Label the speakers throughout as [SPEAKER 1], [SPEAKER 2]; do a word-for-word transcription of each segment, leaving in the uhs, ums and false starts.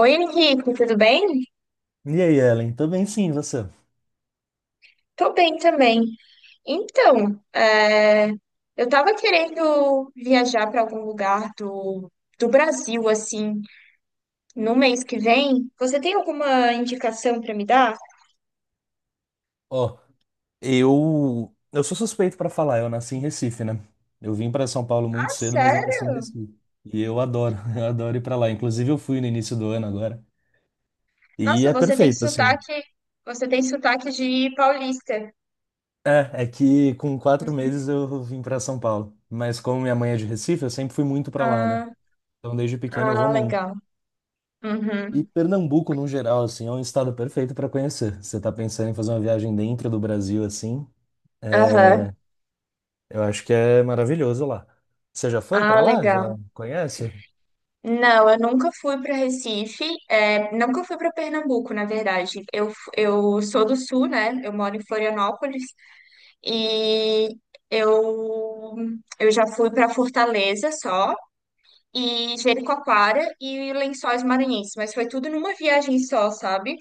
[SPEAKER 1] Oi, Henrique, tudo bem?
[SPEAKER 2] E aí, Ellen? Tô bem sim, e você?
[SPEAKER 1] Tô bem também. Então, é, eu tava querendo viajar para algum lugar do, do Brasil, assim, no mês que vem. Você tem alguma indicação para me dar?
[SPEAKER 2] Ó, eu eu sou suspeito pra falar, eu nasci em Recife, né? Eu vim pra São Paulo muito
[SPEAKER 1] Ah,
[SPEAKER 2] cedo, mas eu nasci em
[SPEAKER 1] sério?
[SPEAKER 2] Recife. E eu adoro, eu adoro ir pra lá. Inclusive eu fui no início do ano agora. E
[SPEAKER 1] Nossa,
[SPEAKER 2] é
[SPEAKER 1] você tem
[SPEAKER 2] perfeito, assim.
[SPEAKER 1] sotaque, você tem sotaque de paulista.
[SPEAKER 2] É, é que com quatro meses eu vim pra São Paulo. Mas como minha mãe é de Recife, eu sempre fui muito pra lá, né?
[SPEAKER 1] Ah,
[SPEAKER 2] Então desde pequeno eu vou
[SPEAKER 1] ah,
[SPEAKER 2] muito.
[SPEAKER 1] legal.
[SPEAKER 2] E
[SPEAKER 1] Uhum.
[SPEAKER 2] Pernambuco, no geral, assim, é um estado perfeito pra conhecer. Você tá pensando em fazer uma viagem dentro do Brasil, assim?
[SPEAKER 1] Aham.
[SPEAKER 2] Eu acho que é maravilhoso lá. Você já foi
[SPEAKER 1] Ah,
[SPEAKER 2] para lá? Já
[SPEAKER 1] legal.
[SPEAKER 2] conhece?
[SPEAKER 1] Não, eu nunca fui para Recife, é, nunca fui para Pernambuco, na verdade. Eu, f- eu sou do Sul, né? Eu moro em Florianópolis e eu, eu já fui para Fortaleza só, e Jericoacoara e Lençóis Maranhenses, mas foi tudo numa viagem só, sabe?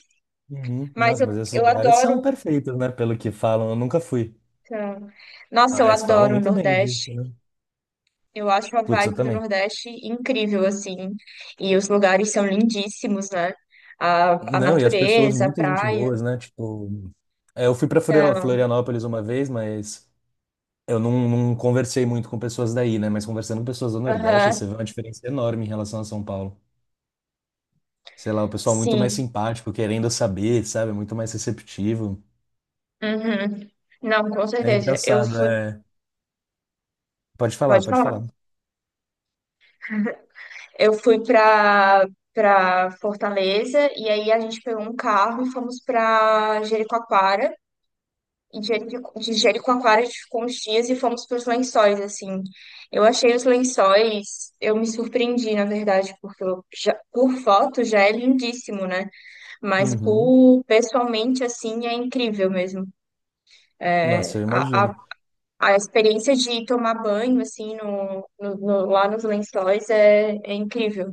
[SPEAKER 2] Uhum.
[SPEAKER 1] Mas
[SPEAKER 2] Nossa,
[SPEAKER 1] eu,
[SPEAKER 2] mas esses
[SPEAKER 1] eu
[SPEAKER 2] lugares são
[SPEAKER 1] adoro.
[SPEAKER 2] perfeitos, né? Pelo que falam, eu nunca fui.
[SPEAKER 1] hum, Nossa, eu
[SPEAKER 2] Mas falam
[SPEAKER 1] adoro o
[SPEAKER 2] muito bem disso,
[SPEAKER 1] Nordeste.
[SPEAKER 2] né?
[SPEAKER 1] Eu acho a
[SPEAKER 2] Putz, eu
[SPEAKER 1] vibe do
[SPEAKER 2] também.
[SPEAKER 1] Nordeste incrível, assim. E os lugares são lindíssimos, né? A, a
[SPEAKER 2] Não, e as pessoas,
[SPEAKER 1] natureza, a
[SPEAKER 2] muita gente
[SPEAKER 1] praia.
[SPEAKER 2] boas, né? Tipo, é, eu fui para
[SPEAKER 1] Então,
[SPEAKER 2] Florianópolis uma vez, mas eu não, não conversei muito com pessoas daí, né? Mas conversando com pessoas do Nordeste,
[SPEAKER 1] aham,
[SPEAKER 2] você vê uma diferença enorme em relação a São Paulo. Sei lá, o pessoal muito mais
[SPEAKER 1] sim.
[SPEAKER 2] simpático, querendo saber, sabe? Muito mais receptivo.
[SPEAKER 1] Uhum. Não, com
[SPEAKER 2] É
[SPEAKER 1] certeza. Eu
[SPEAKER 2] engraçado,
[SPEAKER 1] fui,
[SPEAKER 2] é. Pode falar,
[SPEAKER 1] pode
[SPEAKER 2] pode
[SPEAKER 1] falar.
[SPEAKER 2] falar.
[SPEAKER 1] Eu fui pra, pra Fortaleza e aí a gente pegou um carro e fomos pra Jericoacoara. e de Jerico- de Jericoacoara, a gente ficou uns dias e fomos para os Lençóis, assim. Eu achei os Lençóis, eu me surpreendi, na verdade, porque eu já- por foto já é lindíssimo, né? Mas
[SPEAKER 2] Uhum.
[SPEAKER 1] por pessoalmente, assim, é incrível mesmo.
[SPEAKER 2] Nossa,
[SPEAKER 1] É,
[SPEAKER 2] eu
[SPEAKER 1] A, a,
[SPEAKER 2] imagino.
[SPEAKER 1] a experiência de tomar banho, assim, no, no- no- lá nos Lençóis é, é incrível.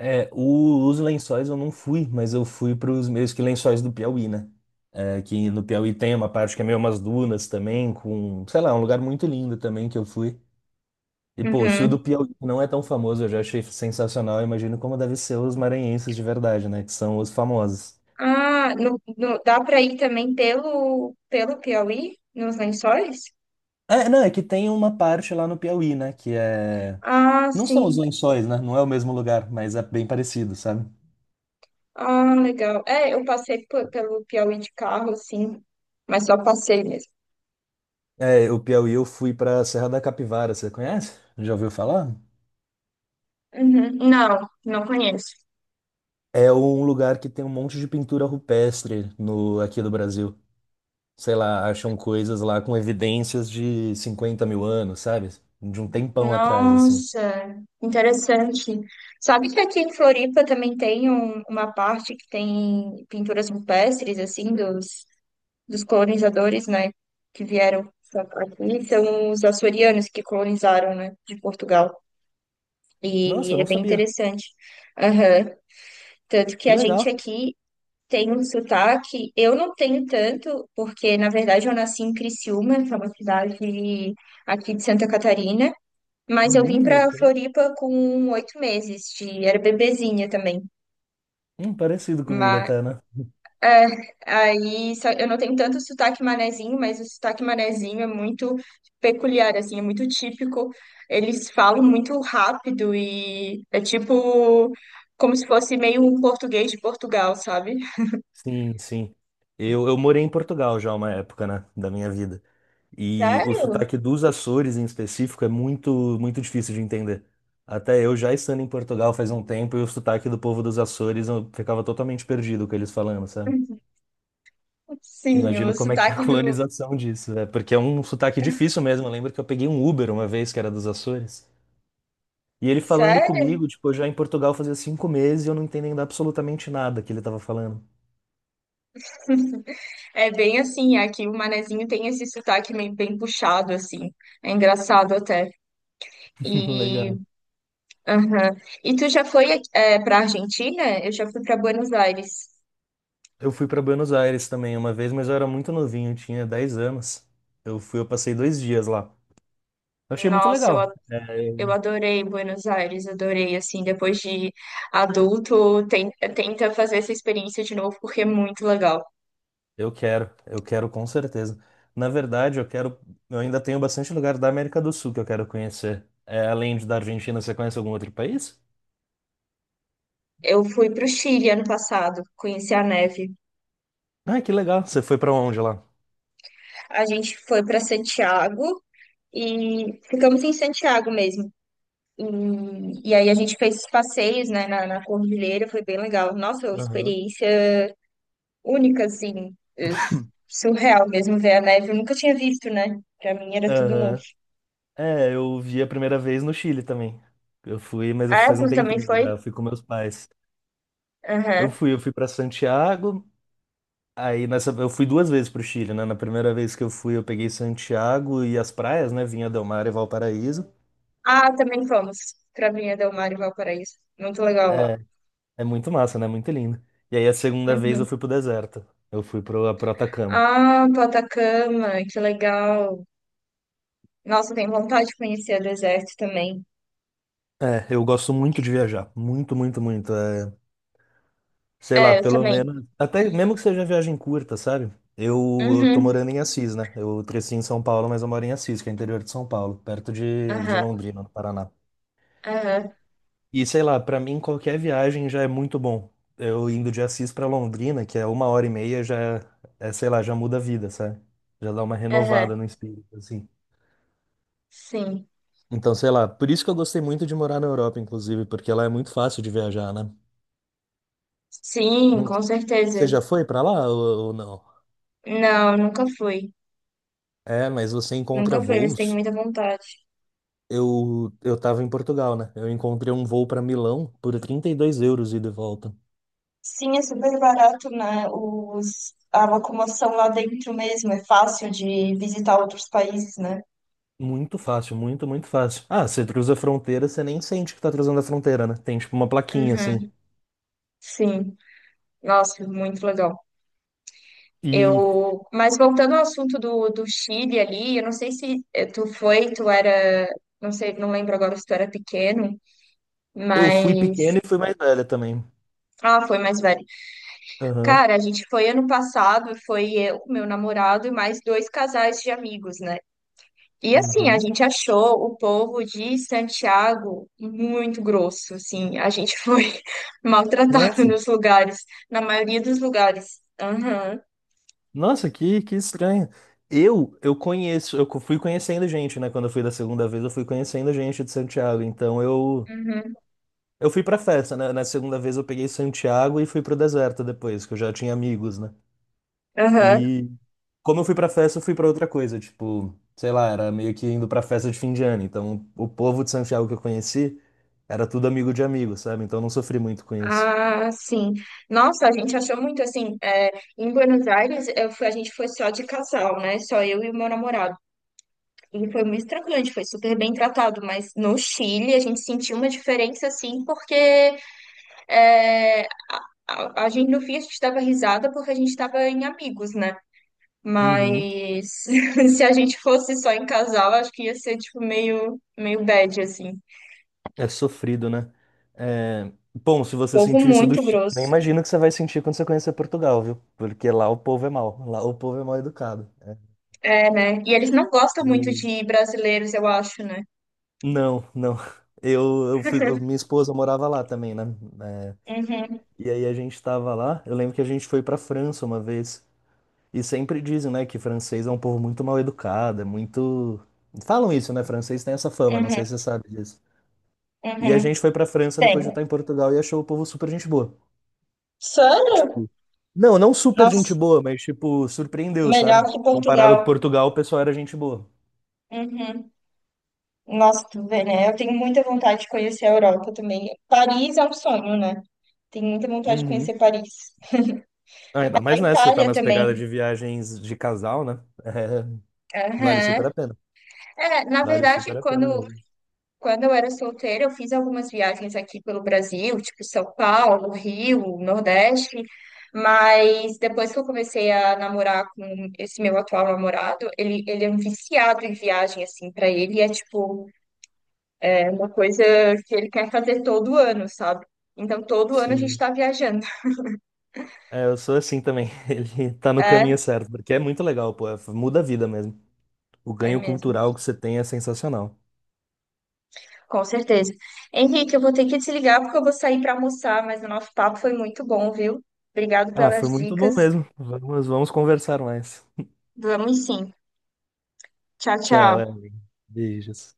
[SPEAKER 2] É, o- os lençóis eu não fui, mas eu fui para os meus que lençóis do Piauí, né? É, que no Piauí tem uma parte que é meio umas dunas também, com, sei lá, um lugar muito lindo também que eu fui. E, pô, se o
[SPEAKER 1] Uhum.
[SPEAKER 2] do Piauí não é tão famoso, eu já achei sensacional, eu imagino como deve ser os maranhenses de verdade, né? Que são os famosos.
[SPEAKER 1] Ah, no, no- dá para ir também pelo, pelo Piauí, nos Lençóis?
[SPEAKER 2] É, não, é que tem uma parte lá no Piauí, né? Que é.
[SPEAKER 1] Ah,
[SPEAKER 2] Não são os
[SPEAKER 1] sim.
[SPEAKER 2] lençóis, né? Não é o mesmo lugar, mas é bem parecido, sabe?
[SPEAKER 1] Ah, legal. É, eu passei pe- pelo Piauí de carro, sim, mas só passei mesmo.
[SPEAKER 2] É, o Piauí eu fui pra Serra da Capivara, você conhece? Já ouviu falar?
[SPEAKER 1] Uhum. Não, não conheço.
[SPEAKER 2] É um lugar que tem um monte de pintura rupestre no aqui do Brasil. Sei lá, acham coisas lá com evidências de cinquenta mil anos, sabe? De um tempão atrás, assim.
[SPEAKER 1] Nossa, interessante. Sabe que aqui em Floripa também tem um- uma parte que tem pinturas rupestres, assim, dos, dos colonizadores, né, que vieram pra- pra aqui. São os açorianos que colonizaram, né, de Portugal.
[SPEAKER 2] Nossa, eu
[SPEAKER 1] E é
[SPEAKER 2] não
[SPEAKER 1] bem
[SPEAKER 2] sabia.
[SPEAKER 1] interessante. Aham. Tanto que
[SPEAKER 2] Que
[SPEAKER 1] a gente
[SPEAKER 2] legal.
[SPEAKER 1] aqui tem um sotaque, eu não tenho tanto, porque na verdade eu nasci em Criciúma, que é uma cidade aqui de Santa Catarina, mas eu vim
[SPEAKER 2] Uhum, eu
[SPEAKER 1] para
[SPEAKER 2] sei.
[SPEAKER 1] Floripa com oito meses, de, era bebezinha também.
[SPEAKER 2] Hum, parecido comigo
[SPEAKER 1] Mas,
[SPEAKER 2] até, né?
[SPEAKER 1] é, aí só- eu não tenho tanto sotaque manezinho, mas o sotaque manezinho é muito peculiar, assim, é muito típico. Eles falam muito rápido e é tipo como se fosse meio um português de Portugal, sabe?
[SPEAKER 2] Sim, sim. Eu, eu morei em Portugal já uma época, né, da minha vida. E o
[SPEAKER 1] Sério?
[SPEAKER 2] sotaque dos Açores em específico é muito, muito difícil de entender. Até eu já estando em Portugal faz um tempo e o sotaque do povo dos Açores eu ficava totalmente perdido com eles falando, sabe?
[SPEAKER 1] Sim,
[SPEAKER 2] Imagino
[SPEAKER 1] o
[SPEAKER 2] como é que é a
[SPEAKER 1] sotaque do.
[SPEAKER 2] colonização disso, né? Porque é um sotaque difícil mesmo. Eu lembro que eu peguei um Uber uma vez que era dos Açores. E ele falando
[SPEAKER 1] Sério?
[SPEAKER 2] comigo, tipo, eu já em Portugal fazia cinco meses e eu não entendendo absolutamente nada que ele tava falando.
[SPEAKER 1] É bem assim, aqui o manezinho tem esse sotaque meio bem puxado, assim. É engraçado até. E,
[SPEAKER 2] Legal.
[SPEAKER 1] aham. E tu já foi é, para Argentina? Eu já fui para Buenos Aires.
[SPEAKER 2] Eu fui para Buenos Aires também uma vez, mas eu era muito novinho, eu tinha dez anos. Eu fui, eu passei dois dias lá. Eu achei muito
[SPEAKER 1] Nossa, eu, a-
[SPEAKER 2] legal. É,
[SPEAKER 1] eu adorei Buenos Aires, adorei, assim, depois de adulto, ten- tenta fazer essa experiência de novo, porque é muito legal.
[SPEAKER 2] eu quero, eu quero com certeza. Na verdade, eu quero, eu ainda tenho bastante lugar da América do Sul que eu quero conhecer. É, além de da Argentina, você conhece algum outro país?
[SPEAKER 1] Eu fui para o Chile ano passado, conheci a neve.
[SPEAKER 2] Ah, que legal. Você foi para onde lá?
[SPEAKER 1] A gente foi para Santiago, e ficamos em Santiago mesmo. E, e aí a gente fez esses passeios, né, na, na cordilheira, foi bem legal. Nossa, uma
[SPEAKER 2] Aham.
[SPEAKER 1] experiência única, assim, es- surreal mesmo ver a neve. Eu nunca tinha visto, né? Pra mim era tudo novo.
[SPEAKER 2] Aham. É, eu vi a primeira vez no Chile também. Eu fui, mas eu
[SPEAKER 1] Ah,
[SPEAKER 2] faz um
[SPEAKER 1] tu também
[SPEAKER 2] tempinho já,
[SPEAKER 1] foi?
[SPEAKER 2] eu fui com meus pais. Eu
[SPEAKER 1] Aham.
[SPEAKER 2] fui, eu fui para Santiago. Aí nessa, eu fui duas vezes pro Chile, né? Na primeira vez que eu fui, eu peguei Santiago e as praias, né? Vinha Del Mar e Valparaíso.
[SPEAKER 1] Ah, também fomos pra Vinha Del Mar e Valparaíso. Muito legal lá.
[SPEAKER 2] É, é muito massa, né? Muito lindo. E aí a segunda vez eu
[SPEAKER 1] Uhum.
[SPEAKER 2] fui pro deserto. Eu fui pro, pro Atacama.
[SPEAKER 1] Ah, pro Atacama, que legal. Nossa, eu tenho vontade de conhecer o deserto também.
[SPEAKER 2] É, eu gosto muito de viajar. Muito, muito, muito. É, sei lá,
[SPEAKER 1] É, eu
[SPEAKER 2] pelo
[SPEAKER 1] também.
[SPEAKER 2] menos. Até mesmo que seja viagem curta, sabe? Eu, eu tô
[SPEAKER 1] Uhum.
[SPEAKER 2] morando em Assis, né? Eu cresci em São Paulo, mas eu moro em Assis, que é interior de São Paulo, perto de, de
[SPEAKER 1] Aham,
[SPEAKER 2] Londrina, no Paraná.
[SPEAKER 1] aham,
[SPEAKER 2] E sei lá, pra mim qualquer viagem já é muito bom. Eu indo de Assis pra Londrina, que é uma hora e meia, já é, sei lá, já muda a vida, sabe? Já dá uma
[SPEAKER 1] aham.
[SPEAKER 2] renovada no espírito, assim.
[SPEAKER 1] Sim.
[SPEAKER 2] Então, sei lá, por isso que eu gostei muito de morar na Europa, inclusive, porque lá é muito fácil de viajar, né?
[SPEAKER 1] Sim,
[SPEAKER 2] Não-
[SPEAKER 1] com
[SPEAKER 2] você
[SPEAKER 1] certeza.
[SPEAKER 2] já foi pra lá ou, ou não?
[SPEAKER 1] Não, nunca fui.
[SPEAKER 2] É, mas você encontra
[SPEAKER 1] Nunca fui, eles têm
[SPEAKER 2] voos.
[SPEAKER 1] muita vontade.
[SPEAKER 2] Eu, eu tava em Portugal, né? Eu encontrei um voo pra Milão por trinta e dois euros ida e de volta.
[SPEAKER 1] Sim, é super barato, né? Os, a locomoção lá dentro mesmo é fácil de visitar outros países, né?
[SPEAKER 2] Muito fácil, muito, muito fácil. Ah, você cruza a fronteira, você nem sente que tá cruzando a fronteira, né? Tem tipo uma plaquinha assim.
[SPEAKER 1] Uhum, sim, nossa, muito legal.
[SPEAKER 2] E
[SPEAKER 1] Eu, mas voltando ao assunto do, do Chile ali, eu não sei se eh, tu foi, tu era, não sei, não lembro agora se tu era pequeno,
[SPEAKER 2] eu fui
[SPEAKER 1] mas
[SPEAKER 2] pequeno e fui mais velha também.
[SPEAKER 1] ah, foi mais velho.
[SPEAKER 2] Aham.
[SPEAKER 1] Cara, a gente foi ano passado, foi eu, meu namorado e mais dois casais de amigos, né? E assim, a
[SPEAKER 2] Uhum.
[SPEAKER 1] gente achou o povo de Santiago muito grosso, assim, a gente foi maltratado
[SPEAKER 2] Nossa.
[SPEAKER 1] nos lugares, na maioria dos lugares. Aham,
[SPEAKER 2] Nossa, que, que estranho. Eu, eu conheço, eu fui conhecendo gente, né? Quando eu fui da segunda vez, eu fui conhecendo gente de Santiago. Então eu,
[SPEAKER 1] uhum,
[SPEAKER 2] eu fui pra festa, né? Na segunda vez eu peguei Santiago e fui pro deserto depois, que eu já tinha amigos, né?
[SPEAKER 1] aham.
[SPEAKER 2] E como eu fui pra festa, eu fui pra outra coisa, tipo, sei lá, era meio que indo pra festa de fim de ano. Então, o povo de Santiago que eu conheci era tudo amigo de amigo, sabe? Então, eu não sofri muito com isso.
[SPEAKER 1] Ah, sim. Nossa, a gente achou muito assim, é, em Buenos Aires, eu fui- a gente foi só de casal, né? Só eu e o meu namorado. E foi muito tranquilo, a gente foi super bem tratado, mas no Chile a gente sentiu uma diferença, assim, porque é, a, a gente, no fim, a gente dava risada porque a gente estava em amigos, né?
[SPEAKER 2] Uhum.
[SPEAKER 1] Mas se a gente fosse só em casal, acho que ia ser, tipo, meio, meio bad, assim.
[SPEAKER 2] É sofrido, né? É, bom, se você
[SPEAKER 1] Povo
[SPEAKER 2] sentiu isso do
[SPEAKER 1] muito
[SPEAKER 2] Chile, nem
[SPEAKER 1] grosso.
[SPEAKER 2] imagino o que você vai sentir quando você conhecer Portugal, viu? Porque lá o povo é mau, lá o povo é mal educado.
[SPEAKER 1] É, né? E eles não gostam muito
[SPEAKER 2] Eu...
[SPEAKER 1] de brasileiros, eu acho, né?
[SPEAKER 2] Não, não. Eu, eu fui, eu- minha esposa morava lá também, né? É.
[SPEAKER 1] Uhum,
[SPEAKER 2] E aí a gente tava lá. Eu lembro que a gente foi pra França uma vez. E sempre dizem, né, que francês é um povo muito mal educado, é muito. Falam isso, né? Francês tem essa fama, não
[SPEAKER 1] uhum,
[SPEAKER 2] sei se você sabe disso. E a
[SPEAKER 1] uhum.
[SPEAKER 2] gente foi pra França depois de
[SPEAKER 1] Tem.
[SPEAKER 2] estar em Portugal e achou o povo super gente boa.
[SPEAKER 1] Sério?
[SPEAKER 2] Tipo, não, não super gente
[SPEAKER 1] Nossa,
[SPEAKER 2] boa, mas tipo, surpreendeu,
[SPEAKER 1] melhor
[SPEAKER 2] sabe?
[SPEAKER 1] que
[SPEAKER 2] Comparado com
[SPEAKER 1] Portugal.
[SPEAKER 2] Portugal, o pessoal era gente boa.
[SPEAKER 1] Uhum. Nossa, tu vê, né? Eu tenho muita vontade de conhecer a Europa também. Paris é um sonho, né? Tenho muita vontade de
[SPEAKER 2] Uhum.
[SPEAKER 1] conhecer Paris.
[SPEAKER 2] Ainda
[SPEAKER 1] Mas a
[SPEAKER 2] mais nessa, você tá
[SPEAKER 1] Itália
[SPEAKER 2] nas
[SPEAKER 1] também.
[SPEAKER 2] pegadas de viagens de casal, né? É, vale super
[SPEAKER 1] Aham.
[SPEAKER 2] a pena.
[SPEAKER 1] É, na
[SPEAKER 2] Vale
[SPEAKER 1] verdade,
[SPEAKER 2] super a pena
[SPEAKER 1] quando,
[SPEAKER 2] mesmo.
[SPEAKER 1] quando eu era solteira, eu fiz algumas viagens aqui pelo Brasil, tipo São Paulo, Rio, Nordeste. Mas depois que eu comecei a namorar com esse meu atual namorado, ele, ele é um viciado em viagem, assim, pra ele é tipo é uma coisa que ele quer fazer todo ano, sabe? Então, todo ano a gente
[SPEAKER 2] Sim.
[SPEAKER 1] está viajando.
[SPEAKER 2] É, eu sou assim também. Ele tá no caminho
[SPEAKER 1] É,
[SPEAKER 2] certo, porque é muito legal, pô. é- Muda a vida mesmo. O
[SPEAKER 1] é
[SPEAKER 2] ganho
[SPEAKER 1] mesmo.
[SPEAKER 2] cultural que você tem é sensacional.
[SPEAKER 1] Com certeza. Henrique, eu vou ter que desligar porque eu vou sair para almoçar, mas o nosso papo foi muito bom, viu? Obrigado
[SPEAKER 2] Ah, foi
[SPEAKER 1] pelas
[SPEAKER 2] muito bom
[SPEAKER 1] dicas.
[SPEAKER 2] mesmo. Vamos, vamos conversar mais.
[SPEAKER 1] Vamos sim. Tchau,
[SPEAKER 2] Tchau,
[SPEAKER 1] tchau.
[SPEAKER 2] Evelyn. Beijos.